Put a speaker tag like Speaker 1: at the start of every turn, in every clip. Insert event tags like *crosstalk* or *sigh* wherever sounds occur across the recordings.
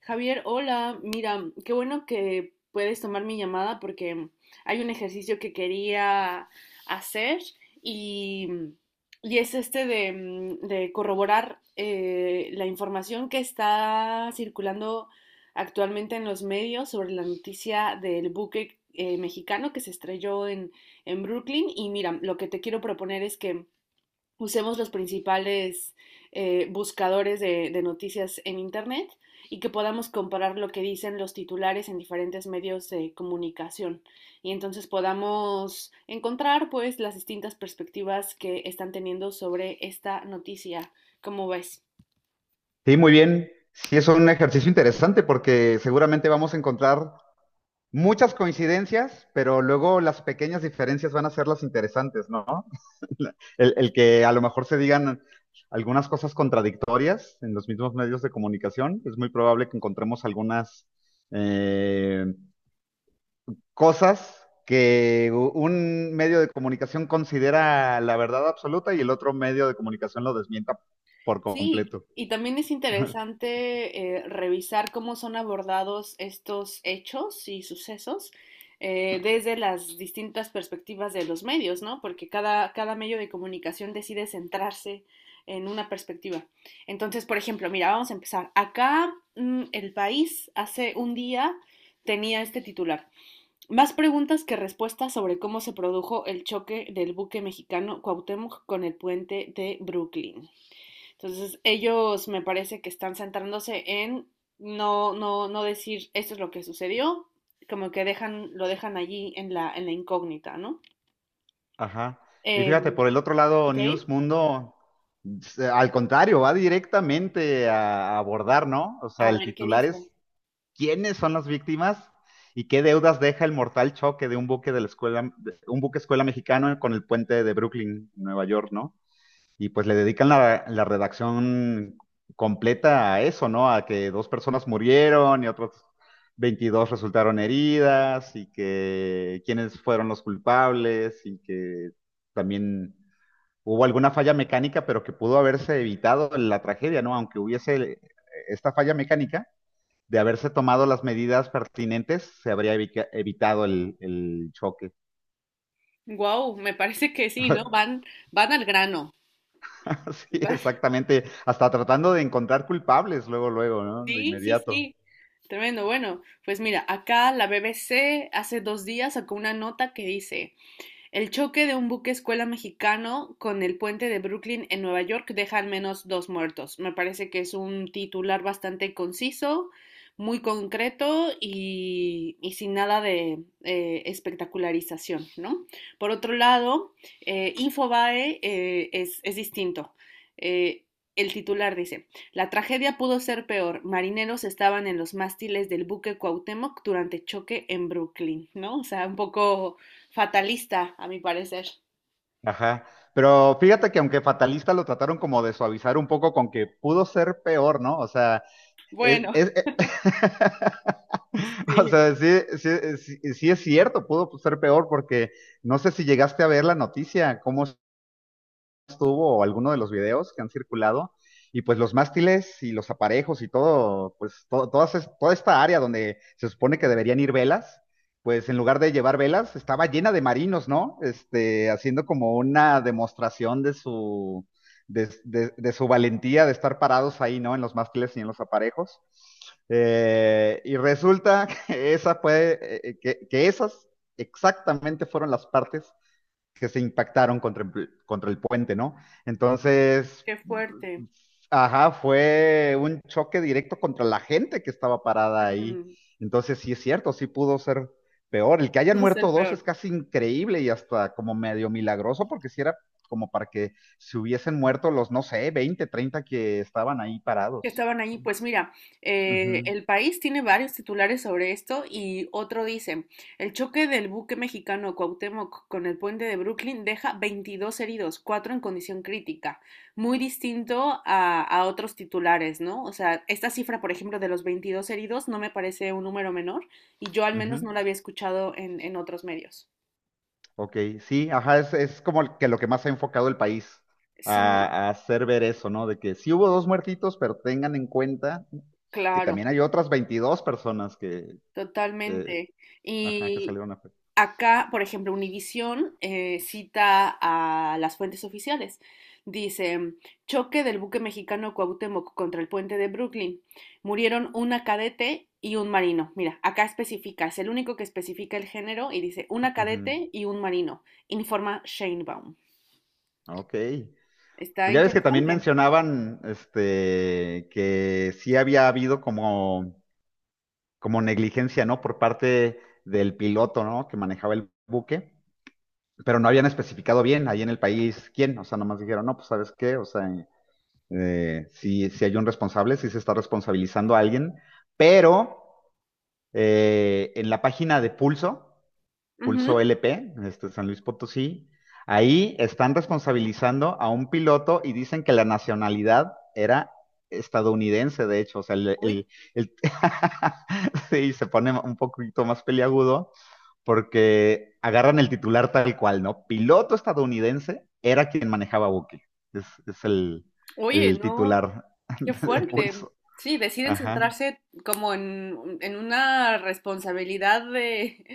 Speaker 1: Javier, hola, mira, qué bueno que puedes tomar mi llamada porque hay un ejercicio que quería hacer y, y es este de de corroborar la información que está circulando actualmente en los medios sobre la noticia del buque mexicano que se estrelló en Brooklyn. Y mira, lo que te quiero proponer es que usemos los principales buscadores de noticias en Internet y que podamos comparar lo que dicen los titulares en diferentes medios de comunicación y entonces podamos encontrar pues las distintas perspectivas que están teniendo sobre esta noticia. ¿Cómo ves?
Speaker 2: Sí, muy bien. Sí, es un ejercicio interesante porque seguramente vamos a encontrar muchas coincidencias, pero luego las pequeñas diferencias van a ser las interesantes, ¿no? *laughs* El que a lo mejor se digan algunas cosas contradictorias en los mismos medios de comunicación, es muy probable que encontremos algunas eh, cosas que un medio de comunicación considera la verdad absoluta y el otro medio de comunicación lo desmienta por
Speaker 1: Sí,
Speaker 2: completo.
Speaker 1: y también es
Speaker 2: *laughs*
Speaker 1: interesante revisar cómo son abordados estos hechos y sucesos desde las distintas perspectivas de los medios, ¿no? Porque cada medio de comunicación decide centrarse en una perspectiva. Entonces, por ejemplo, mira, vamos a empezar. Acá, El País hace un día tenía este titular. Más preguntas que respuestas sobre cómo se produjo el choque del buque mexicano Cuauhtémoc con el puente de Brooklyn. Entonces, ellos me parece que están centrándose en no decir esto es lo que sucedió, como que dejan, lo dejan allí en la incógnita, ¿no?
Speaker 2: Ajá. Y fíjate,
Speaker 1: Em,
Speaker 2: por el otro lado,
Speaker 1: ok,
Speaker 2: News Mundo, al contrario, va directamente a abordar, ¿no? O sea,
Speaker 1: a
Speaker 2: el
Speaker 1: ver qué
Speaker 2: titular
Speaker 1: dice.
Speaker 2: es: ¿quiénes son las víctimas y qué deudas deja el mortal choque de un buque de la escuela, de un buque escuela mexicano con el puente de Brooklyn, Nueva York, ¿no? Y pues le dedican la redacción completa a eso, ¿no? A que dos personas murieron y otros 22 resultaron heridas, y que quiénes fueron los culpables y que también hubo alguna falla mecánica, pero que pudo haberse evitado la tragedia, ¿no? Aunque hubiese esta falla mecánica, de haberse tomado las medidas pertinentes, se habría evitado el choque.
Speaker 1: Wow, me parece que sí, ¿no? Van al grano.
Speaker 2: *laughs* Sí,
Speaker 1: Van- *laughs*
Speaker 2: exactamente. Hasta tratando de encontrar culpables luego, luego, ¿no? De inmediato.
Speaker 1: Sí. Tremendo. Bueno, pues mira, acá la BBC hace dos días sacó una nota que dice. El choque de un buque escuela mexicano con el puente de Brooklyn en Nueva York deja al menos dos muertos. Me parece que es un titular bastante conciso, muy concreto y, sin nada de espectacularización, ¿no? Por otro lado, Infobae distinto. Eh, El titular dice, la tragedia pudo ser peor. Marineros estaban en los mástiles del buque Cuauhtémoc durante choque en Brooklyn, ¿no? O sea, un poco fatalista, a mi parecer.
Speaker 2: Ajá. Pero fíjate que aunque fatalista lo trataron como de suavizar un poco con que pudo ser peor, ¿no? O sea, es,
Speaker 1: Bueno,
Speaker 2: es- *laughs* o
Speaker 1: sí,
Speaker 2: sea, sí, sí, sí, sí es cierto, pudo ser peor porque no sé si llegaste a ver la noticia, cómo tuvo o alguno de los videos que han circulado. Y pues los mástiles y los aparejos y todo, pues toda esta área donde se supone que deberían ir velas, pues en lugar de llevar velas, estaba llena de marinos, ¿no? Este, haciendo como una demostración de su, de su valentía de estar parados ahí, ¿no? En los mástiles y en los aparejos. Y resulta *laughs* que esa fue, que esas exactamente fueron las partes que se impactaron contra contra el puente, ¿no? Entonces,
Speaker 1: qué fuerte.
Speaker 2: ajá, fue un choque directo contra la gente que estaba parada ahí.
Speaker 1: Ujú,
Speaker 2: Entonces, sí es cierto, sí pudo ser peor. El que hayan
Speaker 1: va a ser
Speaker 2: muerto dos
Speaker 1: peor.
Speaker 2: es casi increíble y hasta como medio milagroso, porque si era como para que se hubiesen muerto los, no sé, 20, 30 que estaban ahí
Speaker 1: Que
Speaker 2: parados.
Speaker 1: estaban allí. Pues mira,
Speaker 2: Ujú,
Speaker 1: el país tiene varios titulares sobre esto y otro dice, el choque del buque mexicano Cuauhtémoc con el puente de Brooklyn deja 22 heridos, cuatro en condición crítica. Muy distinto a otros titulares, ¿no? O sea, esta cifra, por ejemplo, de los 22 heridos no me parece un número menor y yo al menos
Speaker 2: ujú.
Speaker 1: no la había escuchado en otros medios.
Speaker 2: Ok, sí, ajá, es como que lo que más ha enfocado el país
Speaker 1: Sí,
Speaker 2: a hacer ver eso, ¿no? De que sí hubo dos muertitos, pero tengan en cuenta que
Speaker 1: claro.
Speaker 2: también hay otras 22 personas que, eh,
Speaker 1: Totalmente.
Speaker 2: ajá, que
Speaker 1: Y
Speaker 2: salieron a...
Speaker 1: acá, por ejemplo, Univisión cita a las fuentes oficiales. Dice, choque del buque mexicano Cuauhtémoc contra el puente de Brooklyn. Murieron una cadete y un marino. Mira, acá especifica, es el único que especifica el género y dice una
Speaker 2: Ujú.
Speaker 1: cadete y un marino, informa Sheinbaum.
Speaker 2: Ok,
Speaker 1: Está
Speaker 2: pues ya ves que también
Speaker 1: interesante.
Speaker 2: mencionaban, este, que sí había habido como, como negligencia, ¿no? Por parte del piloto, ¿no? Que manejaba el buque, pero no habían especificado bien ahí en el país quién, o sea, nomás dijeron, no, pues ¿sabes qué? O sea... si hay un responsable, si se está responsabilizando a alguien, pero en la página de Pulso, Pulso
Speaker 1: Ujú.
Speaker 2: LP, este, San Luis Potosí, ahí están responsabilizando a un piloto y dicen que la nacionalidad era estadounidense, de hecho. O sea,
Speaker 1: Uy,
Speaker 2: el- *laughs* sí, se pone un poquito más peliagudo porque agarran el titular tal cual, ¿no? Piloto estadounidense era quien manejaba Buki. Es
Speaker 1: oye,
Speaker 2: el
Speaker 1: no.
Speaker 2: titular
Speaker 1: Qué
Speaker 2: *laughs* de
Speaker 1: fuerte.
Speaker 2: Pulso.
Speaker 1: Sí, deciden
Speaker 2: Ajá.
Speaker 1: centrarse como en una responsabilidad de,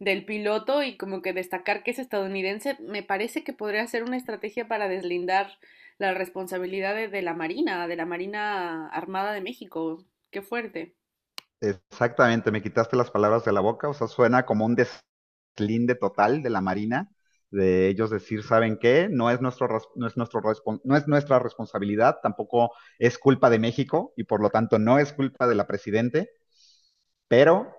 Speaker 1: del piloto y como que destacar que es estadounidense. Me parece que podría ser una estrategia para deslindar la responsabilidad de la Marina Armada de México. Qué fuerte.
Speaker 2: Exactamente, me quitaste las palabras de la boca, o sea, suena como un deslinde total de la Marina, de ellos decir, ¿saben qué? No es nuestra responsabilidad, tampoco es culpa de México y por lo tanto no es culpa de la presidente, pero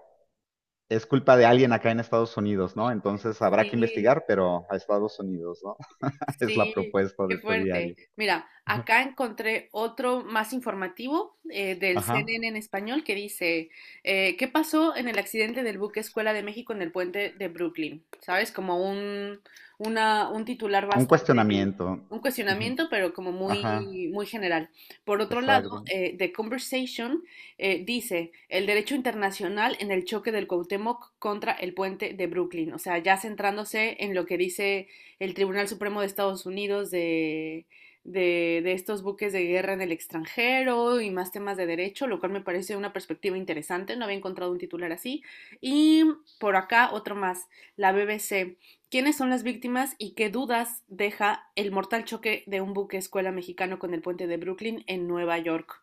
Speaker 2: es culpa de alguien acá en Estados Unidos, ¿no? Entonces habrá que
Speaker 1: Sí.
Speaker 2: investigar, pero a Estados Unidos, ¿no? *laughs* Es la
Speaker 1: Sí,
Speaker 2: propuesta de
Speaker 1: qué
Speaker 2: este
Speaker 1: fuerte.
Speaker 2: diario.
Speaker 1: Mira,
Speaker 2: *laughs*
Speaker 1: acá encontré otro más informativo del
Speaker 2: Ajá.
Speaker 1: CNN en español que dice, ¿qué pasó en el accidente del buque Escuela de México en el puente de Brooklyn? ¿Sabes? Como un titular
Speaker 2: Un
Speaker 1: bastante,
Speaker 2: cuestionamiento.
Speaker 1: un
Speaker 2: Ujú.
Speaker 1: cuestionamiento, pero como
Speaker 2: Ajá,
Speaker 1: muy general. Por otro lado,
Speaker 2: exacto.
Speaker 1: The Conversation dice, el derecho internacional en el choque del Cuauhtémoc contra el puente de Brooklyn. O sea, ya centrándose en lo que dice el Tribunal Supremo de Estados Unidos de estos buques de guerra en el extranjero y más temas de derecho, lo cual me parece una perspectiva interesante. No había encontrado un titular así. Y por acá otro más, la BBC. ¿Quiénes son las víctimas y qué dudas deja el mortal choque de un buque escuela mexicano con el puente de Brooklyn en Nueva York?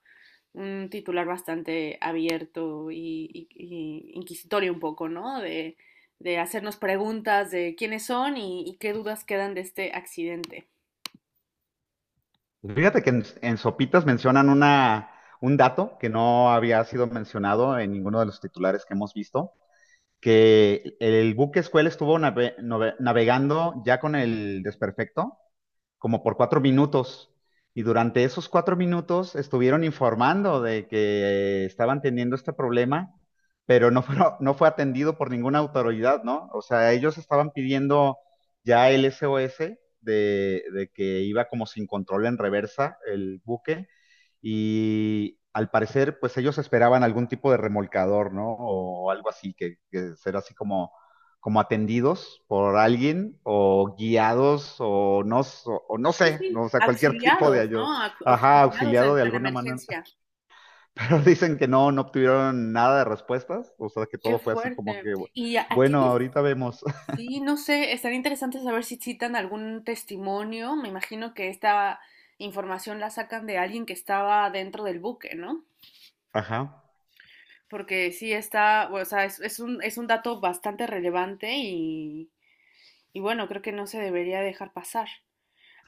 Speaker 1: Un titular bastante abierto y, y inquisitorio un poco, ¿no? De hacernos preguntas de quiénes son y qué dudas quedan de este accidente.
Speaker 2: Fíjate que en Sopitas mencionan una, un dato que no había sido mencionado en ninguno de los titulares que hemos visto: que el buque escuela estuvo navegando ya con el desperfecto como por 4 minutos. Y durante esos 4 minutos estuvieron informando de que estaban teniendo este problema, pero no fue, *laughs* no fue atendido por ninguna autoridad, ¿no? O sea, ellos estaban pidiendo ya el SOS de que iba como sin control en reversa el buque, y al parecer, pues ellos esperaban algún tipo de remolcador, ¿no? O algo así, que será así como como atendidos por alguien o guiados o no sé,
Speaker 1: Sí,
Speaker 2: no, o sea, cualquier *laughs* tipo de
Speaker 1: auxiliados,
Speaker 2: ayuda,
Speaker 1: ¿no? Au-
Speaker 2: ajá,
Speaker 1: auxiliados
Speaker 2: auxiliado de
Speaker 1: de la
Speaker 2: alguna manera.
Speaker 1: emergencia.
Speaker 2: *laughs* Pero dicen que no, no obtuvieron nada de respuestas, o sea, que
Speaker 1: Qué
Speaker 2: todo fue así como
Speaker 1: fuerte.
Speaker 2: que,
Speaker 1: Y a
Speaker 2: bueno, ahorita vemos. *laughs*
Speaker 1: sí, no sé, estaría interesante saber si citan algún testimonio. Me imagino que esta información la sacan de alguien que estaba dentro del buque, ¿no?
Speaker 2: Ajá.
Speaker 1: Porque sí está, es un dato bastante relevante y bueno, creo que no se debería dejar pasar.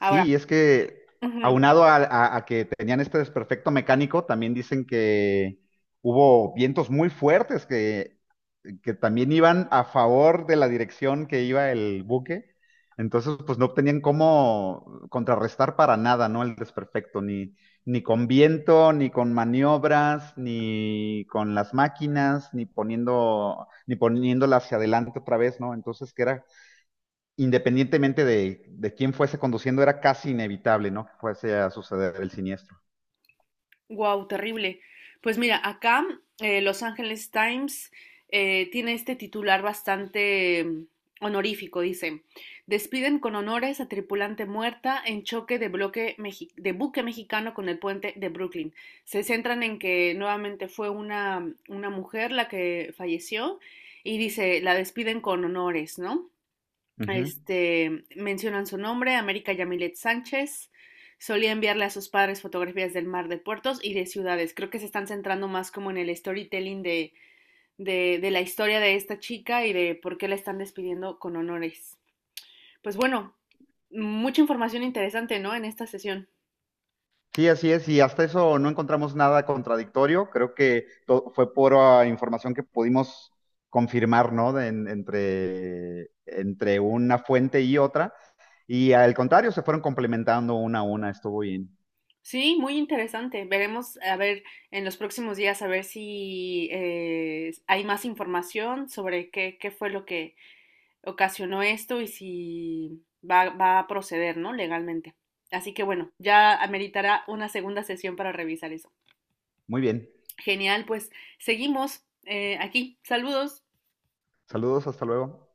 Speaker 2: Sí, y es que
Speaker 1: ujú,
Speaker 2: aunado a que tenían este desperfecto mecánico, también dicen que hubo vientos muy fuertes que también iban a favor de la dirección que iba el buque. Entonces, pues no tenían cómo contrarrestar para nada, ¿no? El desperfecto, ni con viento, ni con maniobras, ni con las máquinas, ni poniéndola hacia adelante otra vez, ¿no? Entonces, que era, independientemente de quién fuese conduciendo, era casi inevitable, ¿no? Que fuese a suceder el siniestro.
Speaker 1: wow, terrible. Pues mira, acá Los Angeles Times tiene este titular bastante honorífico, dice, despiden con honores a tripulante muerta en choque de, bloque mexi- de buque mexicano con el puente de Brooklyn. Se centran en que nuevamente fue una mujer la que falleció y dice, la despiden con honores, ¿no?
Speaker 2: Uh -huh.
Speaker 1: Este, mencionan su nombre, América Yamilet Sánchez. Solía enviarle a sus padres fotografías del mar de puertos y de ciudades. Creo que se están centrando más como en el storytelling de la historia de esta chica y de por qué la están despidiendo con honores. Pues bueno, mucha información interesante, ¿no? En esta sesión.
Speaker 2: Sí, así es, y hasta eso no encontramos nada contradictorio. Creo que fue pura información que pudimos confirmar, ¿no? Entre, entre una fuente y otra. Y al contrario, se fueron complementando una a una. Estuvo bien.
Speaker 1: Sí, muy interesante. Veremos, a ver, en los próximos días, a ver si hay más información sobre qué, qué fue lo que ocasionó esto y si va a proceder, ¿no? Legalmente. Así que bueno, ya ameritará una segunda sesión para revisar eso.
Speaker 2: Muy bien.
Speaker 1: Genial, pues seguimos aquí. Saludos.
Speaker 2: Saludos, hasta luego.